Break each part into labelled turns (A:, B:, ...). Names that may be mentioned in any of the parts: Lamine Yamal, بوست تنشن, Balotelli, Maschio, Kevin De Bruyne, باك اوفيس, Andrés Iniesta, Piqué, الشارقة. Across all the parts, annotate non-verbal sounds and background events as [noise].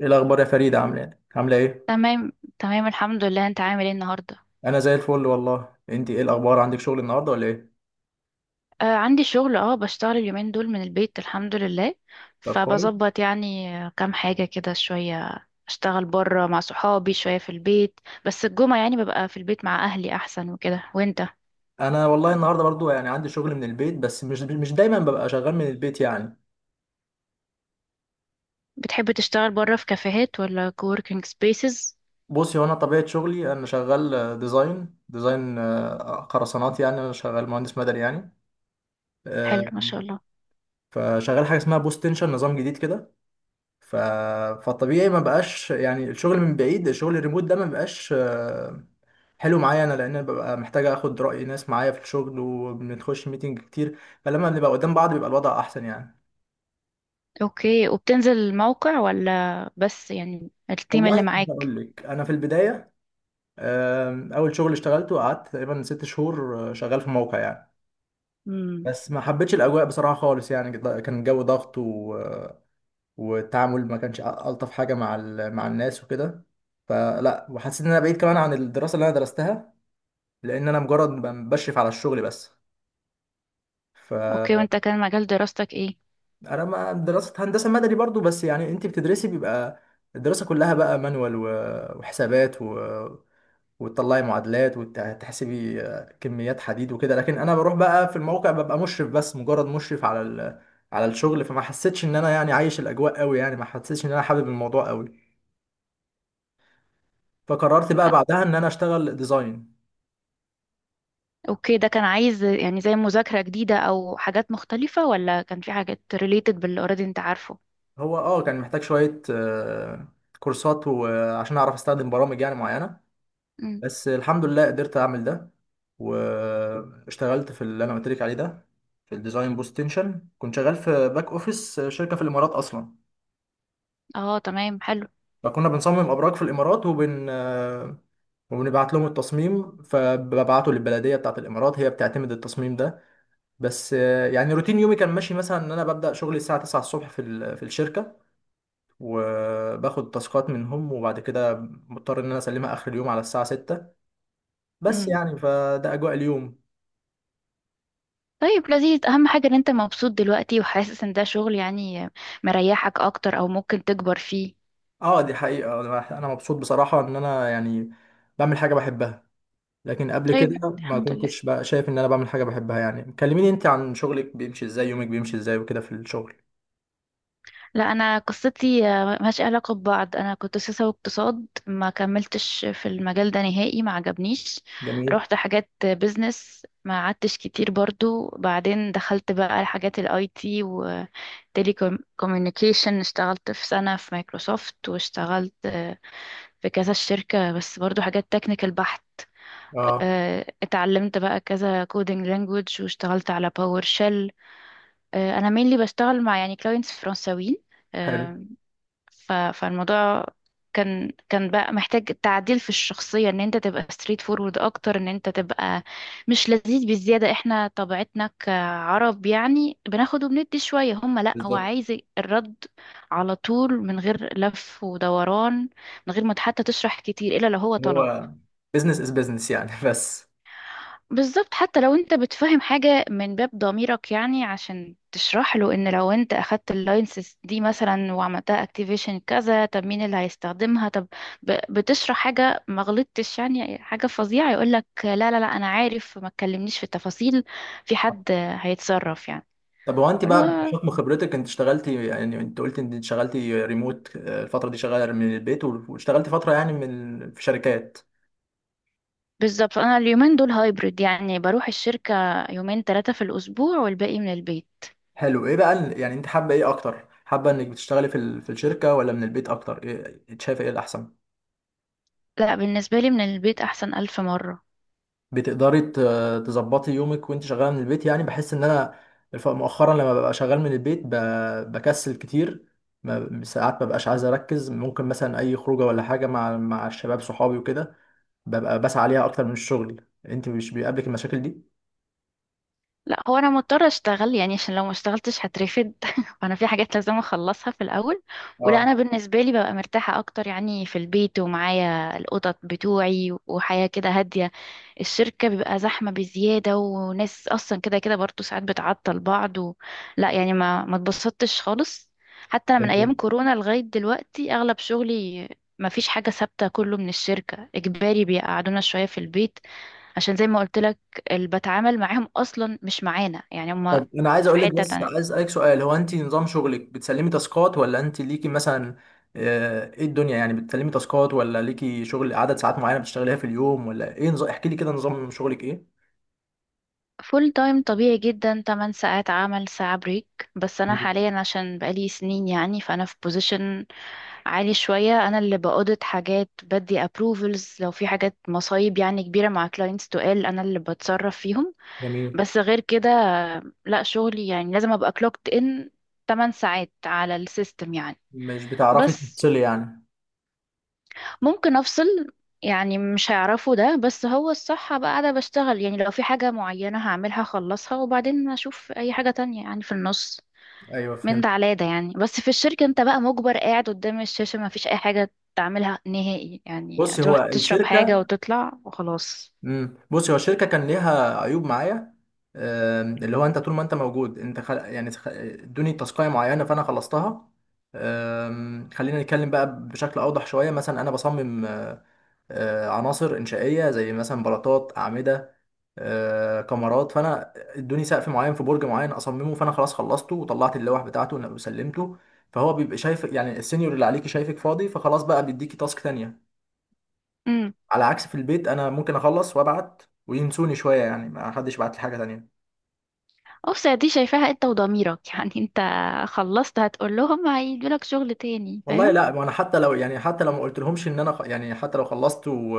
A: ايه الاخبار يا فريدة؟ عامله ايه عامله ايه؟
B: تمام، تمام. الحمد لله، انت عامل ايه النهارده؟
A: انا زي الفل والله. انت ايه الاخبار؟ عندك شغل النهارده ولا ايه؟
B: آه، عندي شغل، بشتغل اليومين دول من البيت، الحمد لله.
A: طب كويس.
B: فبظبط يعني كام حاجه كده، شويه اشتغل بره مع صحابي، شويه في البيت. بس الجمعه يعني ببقى في البيت مع اهلي احسن وكده. وانت؟
A: انا والله النهارده برضو يعني عندي شغل من البيت، بس مش دايما ببقى شغال من البيت يعني.
B: بتحب تشتغل بره في كافيهات ولا كووركينج سبيسز؟
A: بصي، هو انا طبيعه شغلي انا شغال ديزاين ديزاين، خرسانات، يعني انا شغال مهندس مدني يعني.
B: حلو،
A: آه،
B: ما شاء الله.
A: فشغال حاجه اسمها بوست تنشن، نظام جديد كده. ف... فالطبيعي ما بقاش يعني الشغل من بعيد، الشغل الريموت ده ما بقاش حلو معايا انا، لان انا ببقى محتاج اخد راي ناس معايا في الشغل وبنخش ميتنج كتير. فلما بنبقى قدام بعض بيبقى الوضع احسن يعني.
B: اوكي، وبتنزل الموقع ولا بس يعني التيم
A: والله
B: اللي معاك؟
A: بقول لك، انا في البدايه، اول شغل اشتغلته قعدت تقريبا ست شهور شغال في موقع يعني.
B: امم.
A: بس ما حبيتش الاجواء بصراحه خالص، يعني كان الجو ضغط، والتعامل ما كانش الطف حاجه مع مع الناس وكده. فلا، وحسيت ان انا بعيد كمان عن الدراسه اللي انا درستها، لان انا مجرد بشرف على الشغل بس. ف
B: اوكي، وانت كان مجال دراستك ايه؟
A: انا ما دراسه هندسه مدني برضو، بس يعني انت بتدرسي بيبقى الدراسه كلها بقى مانوال وحسابات، وتطلعي معادلات وتحسبي كميات حديد وكده. لكن انا بروح بقى في الموقع، ببقى مشرف بس، مجرد مشرف على على الشغل. فما حسيتش ان انا يعني عايش الاجواء قوي، يعني ما حسيتش ان انا حابب الموضوع قوي. فقررت بقى بعدها ان انا اشتغل ديزاين.
B: اوكي، ده كان عايز يعني زي مذاكرة جديدة او حاجات مختلفة، ولا كان في حاجات related باللي already انت عارفه؟
A: هو اه كان محتاج شويه كورسات، وعشان اعرف استخدم برامج يعني معينه.
B: مم.
A: بس الحمد لله قدرت اعمل ده، واشتغلت في اللي انا قلت لك عليه ده، في الديزاين بوست تنشن. كنت شغال في باك اوفيس شركه في الامارات اصلا.
B: اه، تمام، حلو.
A: فكنا بنصمم ابراج في الامارات، وبنبعت لهم التصميم، فببعته للبلديه بتاعه الامارات، هي بتعتمد التصميم ده. بس يعني روتين يومي كان ماشي مثلا ان انا ببدا شغلي الساعه 9 الصبح في في الشركه، وباخد تاسكات منهم، وبعد كده مضطر ان انا اسلمها اخر اليوم على الساعه 6. بس
B: مم.
A: يعني فده اجواء اليوم.
B: طيب، لذيذ. اهم حاجة ان انت مبسوط دلوقتي وحاسس ان ده شغل يعني مريحك اكتر او ممكن تكبر فيه.
A: اه دي حقيقة، أنا مبسوط بصراحة ان انا يعني بعمل حاجة بحبها. لكن قبل كده
B: طيب،
A: ما
B: الحمد لله.
A: كنتش بقى شايف ان انا بعمل حاجة بحبها. يعني كلميني انت عن شغلك، بيمشي ازاي يومك، بيمشي ازاي وكده في الشغل.
B: لا، انا قصتي ملهاش علاقه ببعض. انا كنت سياسه واقتصاد، ما كملتش في المجال ده نهائي، ما عجبنيش.
A: جميل.
B: رحت حاجات بيزنس، ما قعدتش كتير برضو، بعدين دخلت بقى حاجات الاي تي وتيلي كوميونيكيشن، اشتغلت في سنه في مايكروسوفت، واشتغلت في كذا شركه، بس برضو حاجات تكنيكال بحت.
A: اه.
B: اتعلمت بقى كذا كودينج لانجوج، واشتغلت على باور شيل. انا مينلي بشتغل مع يعني كلاينتس فرنساويين.
A: حلو.
B: آه، فالموضوع كان بقى محتاج تعديل في الشخصية، ان انت تبقى ستريت فورورد اكتر، ان انت تبقى مش لذيذ بالزيادة. احنا طبيعتنا كعرب يعني بناخد وبندي شوية هم، لا، هو
A: بالظبط.
B: عايز الرد على طول من غير لف ودوران، من غير ما حتى تشرح كتير الا لو هو طلب.
A: هو بزنس از بزنس يعني [laughs] بس
B: بالظبط. حتى لو انت بتفهم حاجة من باب ضميرك يعني عشان تشرح له، ان لو انت اخدت اللايسنس دي مثلا وعملتها اكتيفيشن كذا، طب مين اللي هيستخدمها؟ طب بتشرح حاجة، ما غلطتش يعني حاجة فظيعة، يقولك لا لا لا، انا عارف، ما تكلمنيش في التفاصيل، في حد هيتصرف يعني.
A: طب هو انت
B: بقول
A: بقى
B: له،
A: بحكم خبرتك، انت اشتغلتي، يعني انت قلت انت اشتغلتي ريموت، الفترة دي شغالة من البيت، واشتغلتي فترة يعني من في شركات.
B: بالظبط. انا اليومين دول هايبرد، يعني بروح الشركة يومين ثلاثة في الاسبوع، والباقي من البيت.
A: حلو. ايه بقى يعني انت حابه ايه اكتر؟ حابه انك بتشتغلي في في الشركه ولا من البيت اكتر؟ ايه إنت شايفه، ايه الاحسن؟
B: لا، بالنسبة لي من البيت احسن الف مرة.
A: بتقدري ت- تظبطي يومك وانت شغاله من البيت؟ يعني بحس ان انا مؤخرا لما ببقى شغال من البيت بكسل كتير. ساعات ما ببقاش عايز اركز، ممكن مثلا اي خروجه ولا حاجه مع الشباب صحابي وكده، ببقى بسعى عليها اكتر من الشغل. انت مش بيقابلك المشاكل دي؟
B: لا، هو انا مضطره اشتغل يعني، عشان لو ما اشتغلتش هترفد [laughs] فانا في حاجات لازم اخلصها في الاول. ولا
A: اه.
B: انا بالنسبه لي ببقى مرتاحه اكتر يعني في البيت، ومعايا القطط بتوعي، وحياه كده هاديه. الشركه بيبقى زحمه بزياده، وناس اصلا كده كده برضه ساعات بتعطل بعض لا، يعني ما اتبسطتش خالص، حتى من ايام
A: جميل.
B: كورونا لغايه دلوقتي اغلب شغلي ما فيش حاجه ثابته، كله من الشركه اجباري، بيقعدونا شويه في البيت، عشان زي ما قلت لك اللي بتعامل معاهم اصلا مش معانا يعني، هما
A: طب انا عايز
B: في
A: اقول لك،
B: حتة
A: بس
B: تانية.
A: عايز اسالك سؤال، هو انت نظام شغلك بتسلمي تاسكات ولا انت ليكي مثلا، ايه الدنيا يعني؟ بتسلمي تاسكات ولا ليكي شغل عدد ساعات معينه بتشتغليها في اليوم ولا ايه نظام؟ احكي لي كده نظام شغلك ايه.
B: فول تايم طبيعي جدا، 8 ساعات عمل، ساعة بريك، بس انا
A: جميل.
B: حاليا عشان بقالي سنين يعني، فانا في بوزيشن عالي شوية. انا اللي بأودت حاجات، بدي ابروفلز، لو في حاجات مصايب يعني كبيرة مع كلاينتس تقال، انا اللي بتصرف فيهم.
A: جميل.
B: بس غير كده لا، شغلي يعني لازم ابقى كلوكت ان 8 ساعات على السيستم يعني.
A: مش بتعرفي
B: بس
A: تفصلي يعني؟
B: ممكن افصل يعني، مش هيعرفوا ده، بس هو الصح بقى. قاعدة بشتغل يعني لو في حاجة معينة هعملها اخلصها، وبعدين اشوف اي حاجة تانية يعني، في النص
A: ايوه،
B: من
A: فهمت.
B: ده على ده يعني. بس في الشركة انت بقى مجبر قاعد قدام الشاشة، ما فيش اي حاجة تعملها نهائي يعني،
A: بصي هو
B: هتروح تشرب حاجة
A: الشركه،
B: وتطلع وخلاص.
A: امم، بصي هو الشركه كان ليها عيوب معايا. اللي هو انت طول ما انت موجود انت يعني ادوني تاسكايه معينه فانا خلصتها. خلينا نتكلم بقى بشكل اوضح شويه. مثلا انا بصمم عناصر انشائيه زي مثلا بلاطات، اعمده، كمرات. فانا ادوني سقف معين في برج معين اصممه، فانا خلاص خلصته وطلعت اللوح بتاعته وسلمته. فهو بيبقى شايف يعني السينيور اللي عليكي شايفك فاضي، فخلاص بقى بيديكي تاسك تانية.
B: امم.
A: على عكس في البيت، انا ممكن اخلص وابعت وينسوني شويه، يعني ما حدش بعت لي حاجه تانية.
B: اوسع، دي شايفاها انت وضميرك [laughs] يعني انت خلصت، هتقول لهم هيدولك شغل تاني.
A: والله لا، ما انا حتى لو يعني حتى لو ما قلتلهمش ان انا يعني حتى لو خلصت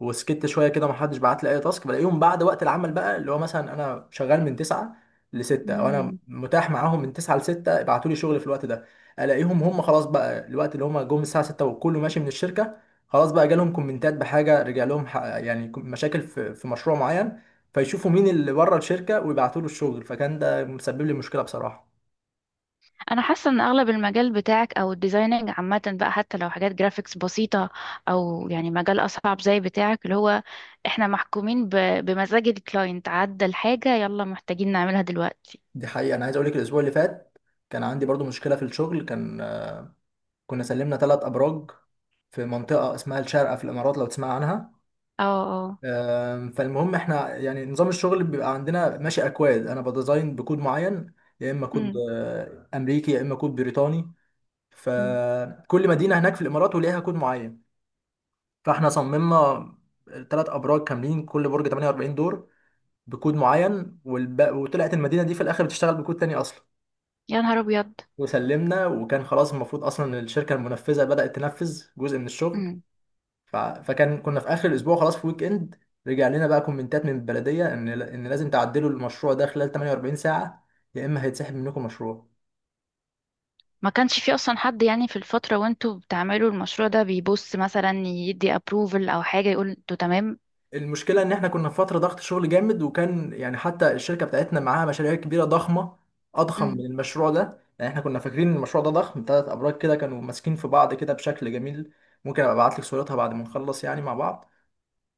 A: وسكت شويه كده، ما حدش بعت لي اي تاسك. بلاقيهم بعد وقت العمل بقى، اللي هو مثلا انا شغال من 9 ل 6، او انا
B: فاهم.
A: متاح معاهم من 9 ل 6، ابعتوا لي شغل في الوقت ده. الاقيهم هم خلاص بقى الوقت اللي هم جم الساعه 6، وكله ماشي من الشركه، خلاص بقى جالهم كومنتات بحاجه، رجع لهم يعني مشاكل في مشروع معين، فيشوفوا مين اللي بره الشركه ويبعتوا له الشغل. فكان ده مسبب لي مشكله بصراحه.
B: انا حاسه ان اغلب المجال بتاعك او الديزايننج عامه بقى، حتى لو حاجات جرافيكس بسيطه او يعني مجال اصعب زي بتاعك، اللي هو احنا محكومين بمزاج الكلاينت، عدى الحاجه يلا محتاجين نعملها دلوقتي.
A: دي حقيقة. أنا عايز أقولك الأسبوع اللي فات كان عندي برضو مشكلة في الشغل. كان كنا سلمنا ثلاث أبراج في منطقة اسمها الشارقة في الإمارات، لو تسمع عنها.
B: اه. اه.
A: فالمهم إحنا يعني نظام الشغل بيبقى عندنا ماشي أكواد، أنا بديزاين بكود معين، يا إما كود
B: امم.
A: أمريكي يا إما كود بريطاني.
B: أمم.
A: فكل مدينة هناك في الإمارات وليها كود معين. فإحنا صممنا ثلاث أبراج كاملين، كل برج 48 دور، بكود معين، وطلعت المدينة دي في الآخر بتشتغل بكود تاني أصلا.
B: يا نهار ابيض.
A: وسلمنا، وكان خلاص المفروض اصلا إن الشركه المنفذه بدات تنفذ جزء من الشغل.
B: امم.
A: فكان كنا في اخر الاسبوع، خلاص في ويك اند، رجع لنا بقى كومنتات من البلديه ان لازم تعدلوا المشروع ده خلال 48 ساعه، يا اما هيتسحب منكم مشروع.
B: ما كانش في اصلا حد يعني في الفتره وانتوا بتعملوا المشروع ده، بيبص مثلا يدي ابروفل او حاجه، يقول انتوا تمام؟
A: المشكله ان احنا كنا في فتره ضغط شغل جامد، وكان يعني حتى الشركه بتاعتنا معاها مشاريع كبيره ضخمه، اضخم من
B: امم.
A: المشروع ده. يعني احنا كنا فاكرين ان المشروع ده ضخم، ثلاث ابراج كده كانوا ماسكين في بعض كده بشكل جميل. ممكن ابقى ابعت لك صورتها بعد ما نخلص يعني مع بعض.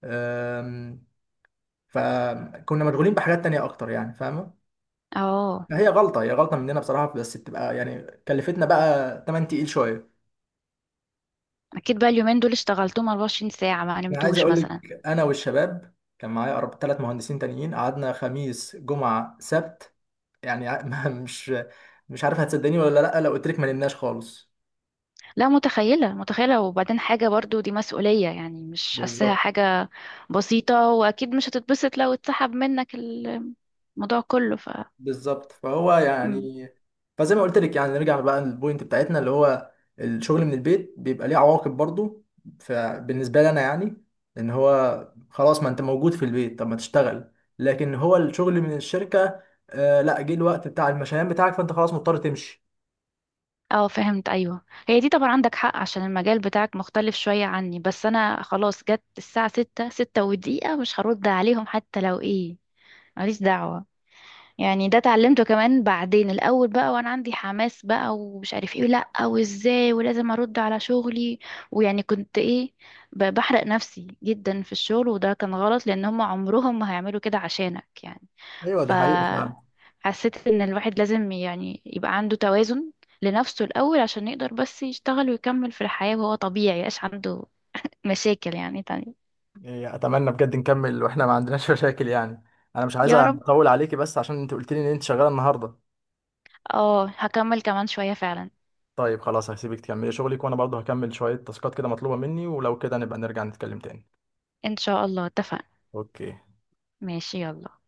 A: أم، فكنا مشغولين بحاجات تانية اكتر يعني، فاهمه؟
B: اه.
A: هي غلطه مننا بصراحه، بس بتبقى يعني كلفتنا بقى تمن تقيل شويه.
B: اكيد بقى اليومين دول اشتغلتهم 24 ساعه، ما
A: انا عايز
B: نمتوش
A: اقول لك،
B: مثلا؟
A: انا والشباب كان معايا ثلاث مهندسين تانيين، قعدنا خميس جمعه سبت، يعني [laughs] مش عارف هتصدقني ولا لا، لو قلت لك ما نمناش خالص.
B: لا، متخيلة، متخيلة. وبعدين حاجة برضو دي مسؤولية يعني، مش حاساها
A: بالظبط.
B: حاجة بسيطة. وأكيد مش هتتبسط لو اتسحب منك الموضوع كله.
A: بالظبط. فهو
B: مم.
A: يعني، فزي ما قلت لك، يعني نرجع بقى للبوينت بتاعتنا، اللي هو الشغل من البيت بيبقى ليه عواقب برضو. فبالنسبه لي انا يعني، ان هو خلاص، ما انت موجود في البيت، طب ما تشتغل. لكن هو الشغل من الشركه، لا، جه الوقت بتاع المشيان بتاعك فانت خلاص مضطر تمشي.
B: اه، فهمت، أيوه. هي دي طبعا عندك حق، عشان المجال بتاعك مختلف شوية عني. بس أنا خلاص جت الساعة ستة، ستة ودقيقة، مش هرد عليهم حتى لو ايه، ماليش دعوة. يعني ده اتعلمته كمان بعدين. الاول بقى وانا عندي حماس بقى، ومش عارف ايه لا، وازاي، ولازم ارد على شغلي ويعني، كنت ايه بحرق نفسي جدا في الشغل، وده كان غلط، لان هم عمرهم ما هيعملوا كده عشانك يعني.
A: ايوه
B: ف
A: دي حقيقة فعلا.
B: حسيت ان الواحد لازم يعني يبقى عنده توازن لنفسه الاول عشان يقدر بس يشتغل ويكمل في الحياة، وهو طبيعي يبقاش عنده مشاكل يعني تانية.
A: إيه، اتمنى بجد نكمل واحنا ما عندناش [laughs] مشاكل يعني. انا مش عايز
B: يا رب.
A: اطول عليكي، بس عشان انت قلت لي ان انت شغاله النهارده.
B: اه، هكمل كمان شوية فعلا.
A: طيب خلاص هسيبك تكملي شغلك، وانا برضه هكمل شوية تاسكات كده مطلوبة مني، ولو كده نبقى نرجع نتكلم تاني.
B: ان شاء الله، اتفقنا.
A: اوكي.
B: ماشي، يلا.